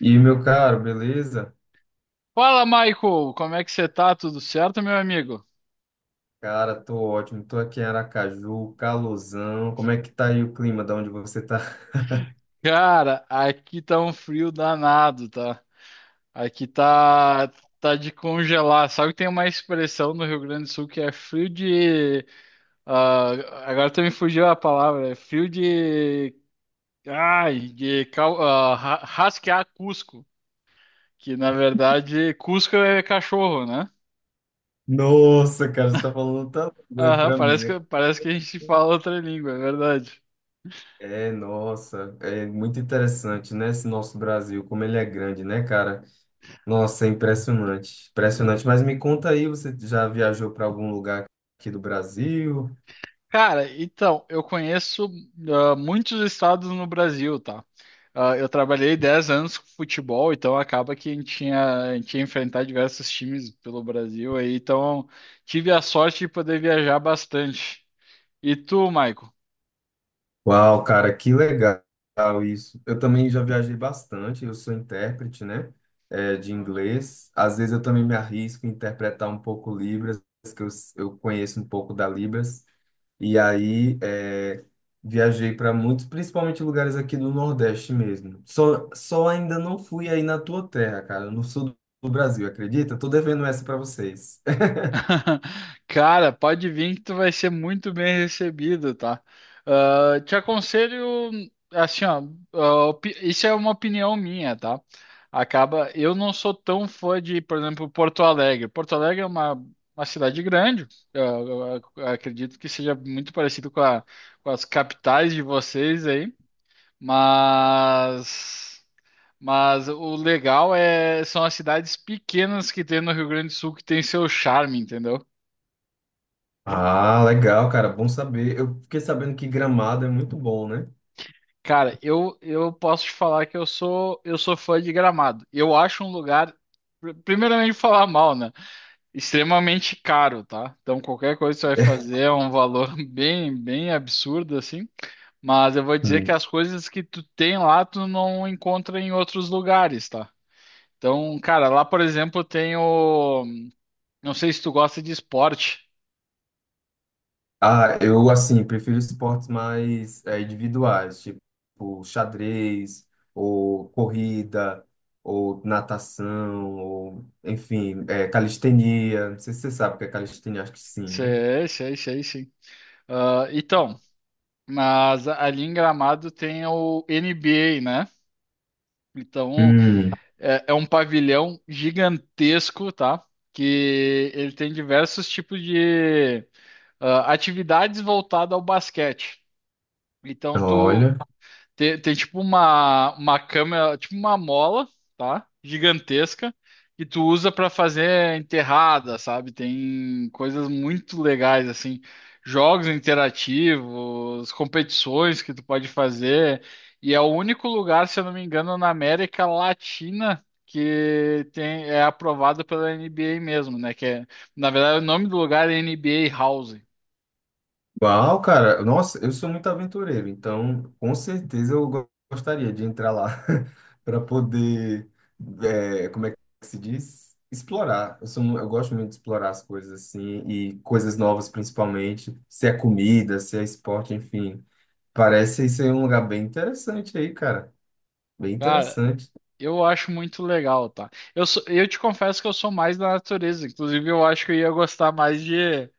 E meu caro, beleza? Fala, Michael! Como é que você tá? Tudo certo, meu amigo? Cara, tô ótimo. Tô aqui em Aracaju, calorzão. Como é que tá aí o clima de onde você tá? Cara, aqui tá um frio danado, tá? Aqui tá de congelar. Sabe que tem uma expressão no Rio Grande do Sul que é frio de ah, agora tu me fugiu a palavra. É frio de ai, de rasquear Cusco, que na verdade Cusco é cachorro, né? Nossa, cara, você tá falando tanto bem Aham, pra mim. parece que a gente fala outra língua, é verdade. É, nossa, é muito interessante, né? Esse nosso Brasil, como ele é grande, né, cara? Nossa, é impressionante, impressionante. Mas me conta aí, você já viajou para algum lugar aqui do Brasil? Cara, então, eu conheço muitos estados no Brasil, tá? Ah, eu trabalhei 10 anos com futebol, então acaba que a gente ia enfrentar diversos times pelo Brasil aí, então tive a sorte de poder viajar bastante. E tu, Maico? Uau, cara, que legal isso. Eu também já viajei bastante, eu sou intérprete, né, de inglês. Às vezes eu também me arrisco a interpretar um pouco Libras, que eu, eu conheço um pouco da Libras. E aí viajei para muitos, principalmente lugares aqui do Nordeste mesmo. Só ainda não fui aí na tua terra, cara, no sul do Brasil, acredita? Tô devendo essa para vocês. Cara, pode vir que tu vai ser muito bem recebido, tá? Ah, te aconselho, assim, ó, isso é uma opinião minha, tá? Acaba, eu não sou tão fã de, por exemplo, Porto Alegre. Porto Alegre é uma cidade grande, acredito que seja muito parecido com com as capitais de vocês aí, mas. Mas o legal é são as cidades pequenas que tem no Rio Grande do Sul que tem seu charme, entendeu? Ah, legal, cara, bom saber. Eu fiquei sabendo que Gramado é muito bom, né? Cara, eu posso te falar que eu sou fã de Gramado. Eu acho um lugar, primeiramente falar mal, né? Extremamente caro, tá? Então qualquer coisa que você vai fazer é um valor bem bem absurdo assim. Mas eu vou dizer que as coisas que tu tem lá tu não encontra em outros lugares, tá? Então, cara, lá por exemplo tem o, não sei se tu gosta de esporte. Ah, eu, assim, prefiro esportes mais é, individuais, tipo xadrez, ou corrida, ou natação, ou, enfim, é, calistenia. Não sei se você sabe o que é calistenia, acho que sim, né? Sei, sei, sei, sim. Ah, então, mas ali em Gramado tem o NBA, né? Então, Hum, é um pavilhão gigantesco, tá? Que ele tem diversos tipos de atividades voltadas ao basquete. Então, olha. tem tipo uma câmera, tipo uma mola, tá? Gigantesca, que tu usa pra fazer enterrada, sabe? Tem coisas muito legais, assim, jogos interativos, competições que tu pode fazer. E é o único lugar, se eu não me engano, na América Latina que tem, é aprovado pela NBA mesmo, né? Que é, na verdade, o nome do lugar é NBA House. Uau, cara, nossa, eu sou muito aventureiro, então com certeza eu gostaria de entrar lá para poder, é, como é que se diz? Explorar. Eu sou, eu gosto muito de explorar as coisas assim, e coisas novas principalmente, se é comida, se é esporte, enfim. Parece ser um lugar bem interessante aí, cara. Bem Cara, interessante. eu acho muito legal, tá? Eu te confesso que eu sou mais da natureza. Inclusive, eu acho que eu ia gostar mais de,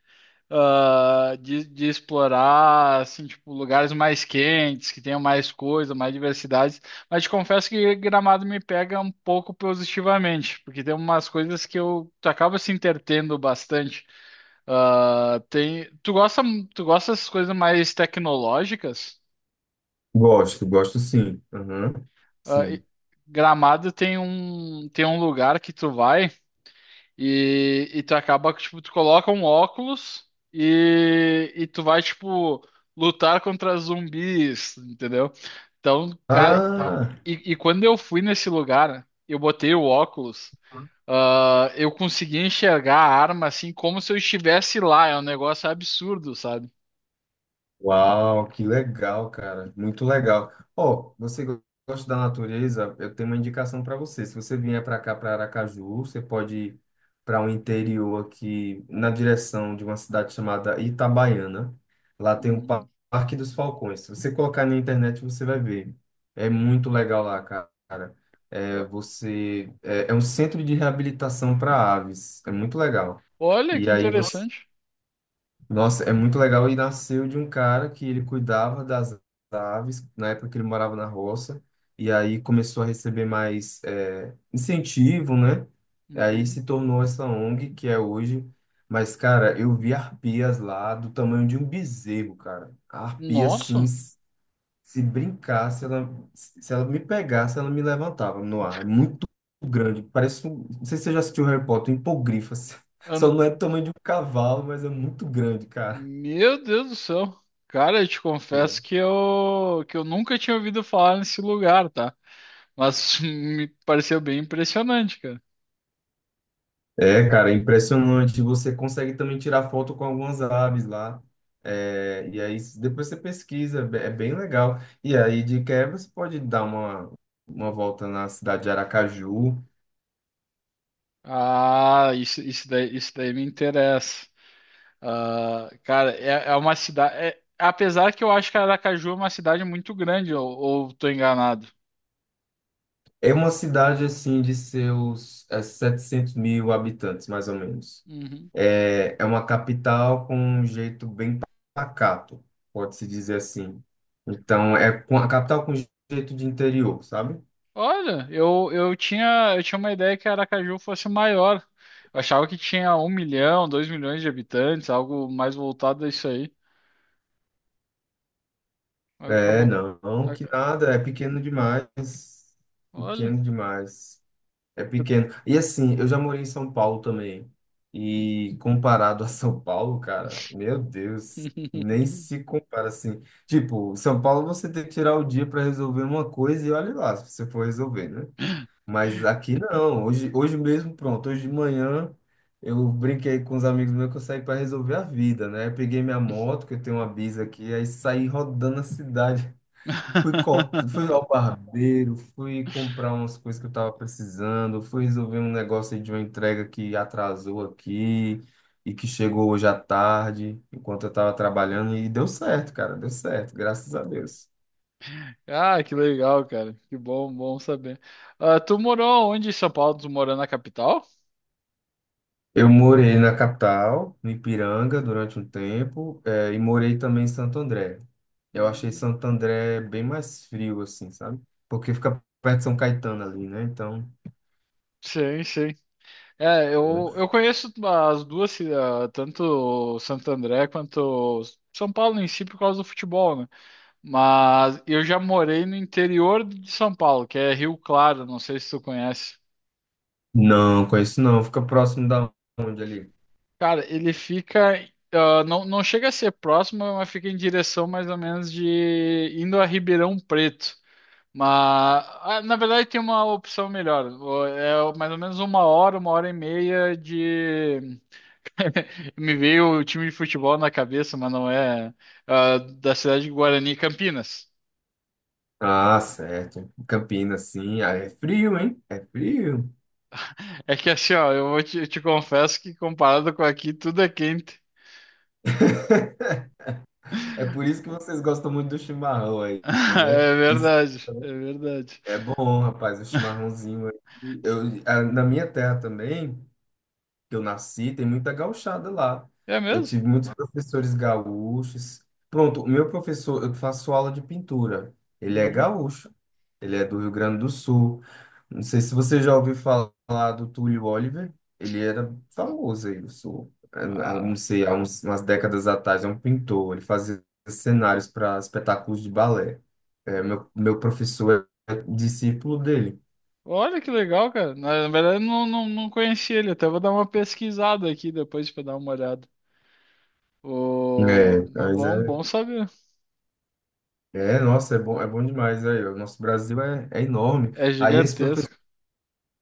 ah, de, de explorar, assim, tipo, lugares mais quentes, que tenham mais coisa, mais diversidades. Mas te confesso que Gramado me pega um pouco positivamente, porque tem umas coisas que tu acaba se entretendo bastante. Ah, tem, tu gosta, tu gosta dessas coisas mais tecnológicas? Gosto, gosto sim. Aham, Ah, e- sim. Gramado tem um, lugar que tu vai. E tu acaba que, tipo, tu coloca um óculos e tu vai, tipo, lutar contra zumbis, entendeu? Então, cara, Ah, e quando eu fui nesse lugar, eu botei o óculos, eu consegui enxergar a arma assim como se eu estivesse lá. É um negócio absurdo, sabe? uau, que legal, cara. Muito legal. Ó, você gosta da natureza? Eu tenho uma indicação para você. Se você vier para cá, para Aracaju, você pode ir para um interior aqui na direção de uma cidade chamada Itabaiana. Lá tem um Hum. Parque dos Falcões. Se você colocar na internet, você vai ver. É muito legal lá, cara. É, você é, é um centro de reabilitação para aves. É muito legal. Olha E que aí você, interessante. nossa, é muito legal. E nasceu de um cara que ele cuidava das aves na época que ele morava na roça. E aí começou a receber mais é, incentivo, né? E aí Uhum. se tornou essa ONG que é hoje. Mas, cara, eu vi arpias lá do tamanho de um bezerro, cara. A arpia, assim, Nossa. se brincasse, ela, se ela me pegasse, ela me levantava no ar. É muito grande. Parece um. Não sei se você já assistiu Harry Potter, um hipogrifo, assim. Só não é do tamanho de um cavalo, mas é muito grande, cara. Meu Deus do céu. Cara, eu te confesso que que eu nunca tinha ouvido falar nesse lugar, tá? Mas me pareceu bem impressionante, cara. É, cara, é impressionante. Você consegue também tirar foto com algumas aves lá. É, e aí depois você pesquisa, é é bem legal. E aí de quebra você pode dar uma volta na cidade de Aracaju. Ah, isso daí me interessa. Ah, cara, é uma cidade. Apesar que eu acho que Aracaju é uma cidade muito grande, ou tô enganado. É uma cidade assim de seus é, 700 mil habitantes, mais ou menos. Uhum. É, é uma capital com um jeito bem pacato, pode-se dizer assim. Então, é a capital com jeito de interior, sabe? Olha, eu tinha uma ideia que Aracaju fosse maior. Eu achava que tinha 1 milhão, 2 milhões de habitantes, algo mais voltado a isso aí. É, Acabou. não, não, que A- nada, é pequeno demais. Olha. Pequeno demais. É pequeno. E assim, eu já morei em São Paulo também. E comparado a São Paulo, cara, meu Deus, nem se compara assim. Tipo, São Paulo você tem que tirar o dia para resolver uma coisa e olha lá se você for resolver, né? Mas aqui não. Hoje mesmo, pronto. Hoje de manhã eu brinquei com os amigos meus que eu saí para resolver a vida, né? Eu peguei minha moto, que eu tenho uma Bis aqui, aí saí rodando a cidade. Fui corta, fui ao barbeiro, fui comprar umas coisas que eu tava precisando, fui resolver um negócio aí de uma entrega que atrasou aqui e que chegou hoje à tarde, enquanto eu tava trabalhando, e deu certo, cara, deu certo, graças a Deus. Ah, que legal, cara. Que bom, bom saber. Ah, tu morou onde em São Paulo? Tu morou na capital? Eu morei na capital, no Ipiranga, durante um tempo, e morei também em Santo André. Eu achei Hum. Santo André bem mais frio, assim, sabe? Porque fica perto de São Caetano ali, né? Então, Sim, sim. É, eu conheço as duas, tanto Santo André quanto São Paulo em si, por causa do futebol, né? Mas eu já morei no interior de São Paulo, que é Rio Claro, não sei se tu conhece. não, conheço não. Fica próximo da onde ali? Cara, ele fica. Não, não chega a ser próximo, mas fica em direção mais ou menos de indo a Ribeirão Preto. Mas, na verdade, tem uma opção melhor. É mais ou menos uma hora e meia de. Me veio o time de futebol na cabeça, mas não é. Da cidade de Guarani, Campinas. Ah, certo. Campinas, sim. Ah, é frio, hein? É frio. É que assim, ó, eu te confesso que comparado com aqui, tudo é quente. É por isso que vocês gostam muito do chimarrão aí, né? É Que isso verdade, é verdade. é bom, rapaz, o chimarrãozinho. Aí eu, na minha terra também, que eu nasci, tem muita gauchada lá. É Eu mesmo? tive muitos professores gaúchos. Pronto, o meu professor, eu faço aula de pintura. Ele é Uhum. gaúcho, ele é do Rio Grande do Sul. Não sei se você já ouviu falar do Túlio Oliver. Ele era famoso aí do Sul. Não Ah. sei, umas décadas atrás, é um pintor. Ele fazia cenários para espetáculos de balé. É, meu professor é discípulo dele. Olha que legal, cara. Na verdade, eu não, não, não conheci ele. Até vou dar uma pesquisada aqui depois pra dar uma olhada. É, Mas mas bom, é, bom saber. é, nossa, é bom demais aí. O nosso Brasil é, é enorme. É Aí esse professor, gigantesco.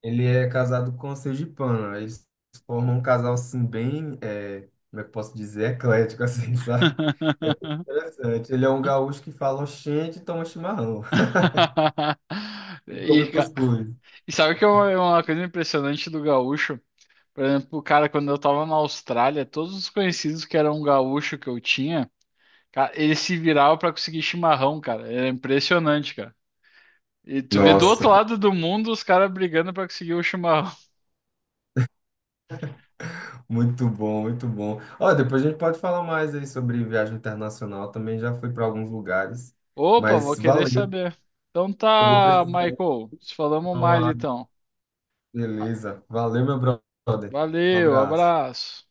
ele é casado com a sergipana. Aí eles formam um casal assim bem, é, como é que eu posso dizer, eclético assim, sabe? É bem interessante. Ele é um gaúcho que fala oxente e toma chimarrão e come E, ca- cuscuz. e sabe que é uma, coisa impressionante do gaúcho? Por exemplo, cara, quando eu tava na Austrália, todos os conhecidos que eram gaúcho que eu tinha, cara, eles se viravam pra conseguir chimarrão, cara. Era impressionante, cara. E tu vê do outro Nossa, lado do mundo os caras brigando pra conseguir o chimarrão. muito bom, muito bom. Ó, depois a gente pode falar mais aí sobre viagem internacional. Também já fui para alguns lugares, Opa, vou mas querer valeu. saber. Então Eu vou tá, precisar ir Michael. Se falamos mais tomar uma. então. Ah, Beleza. Valeu, meu brother. Um valeu, abraço. abraço.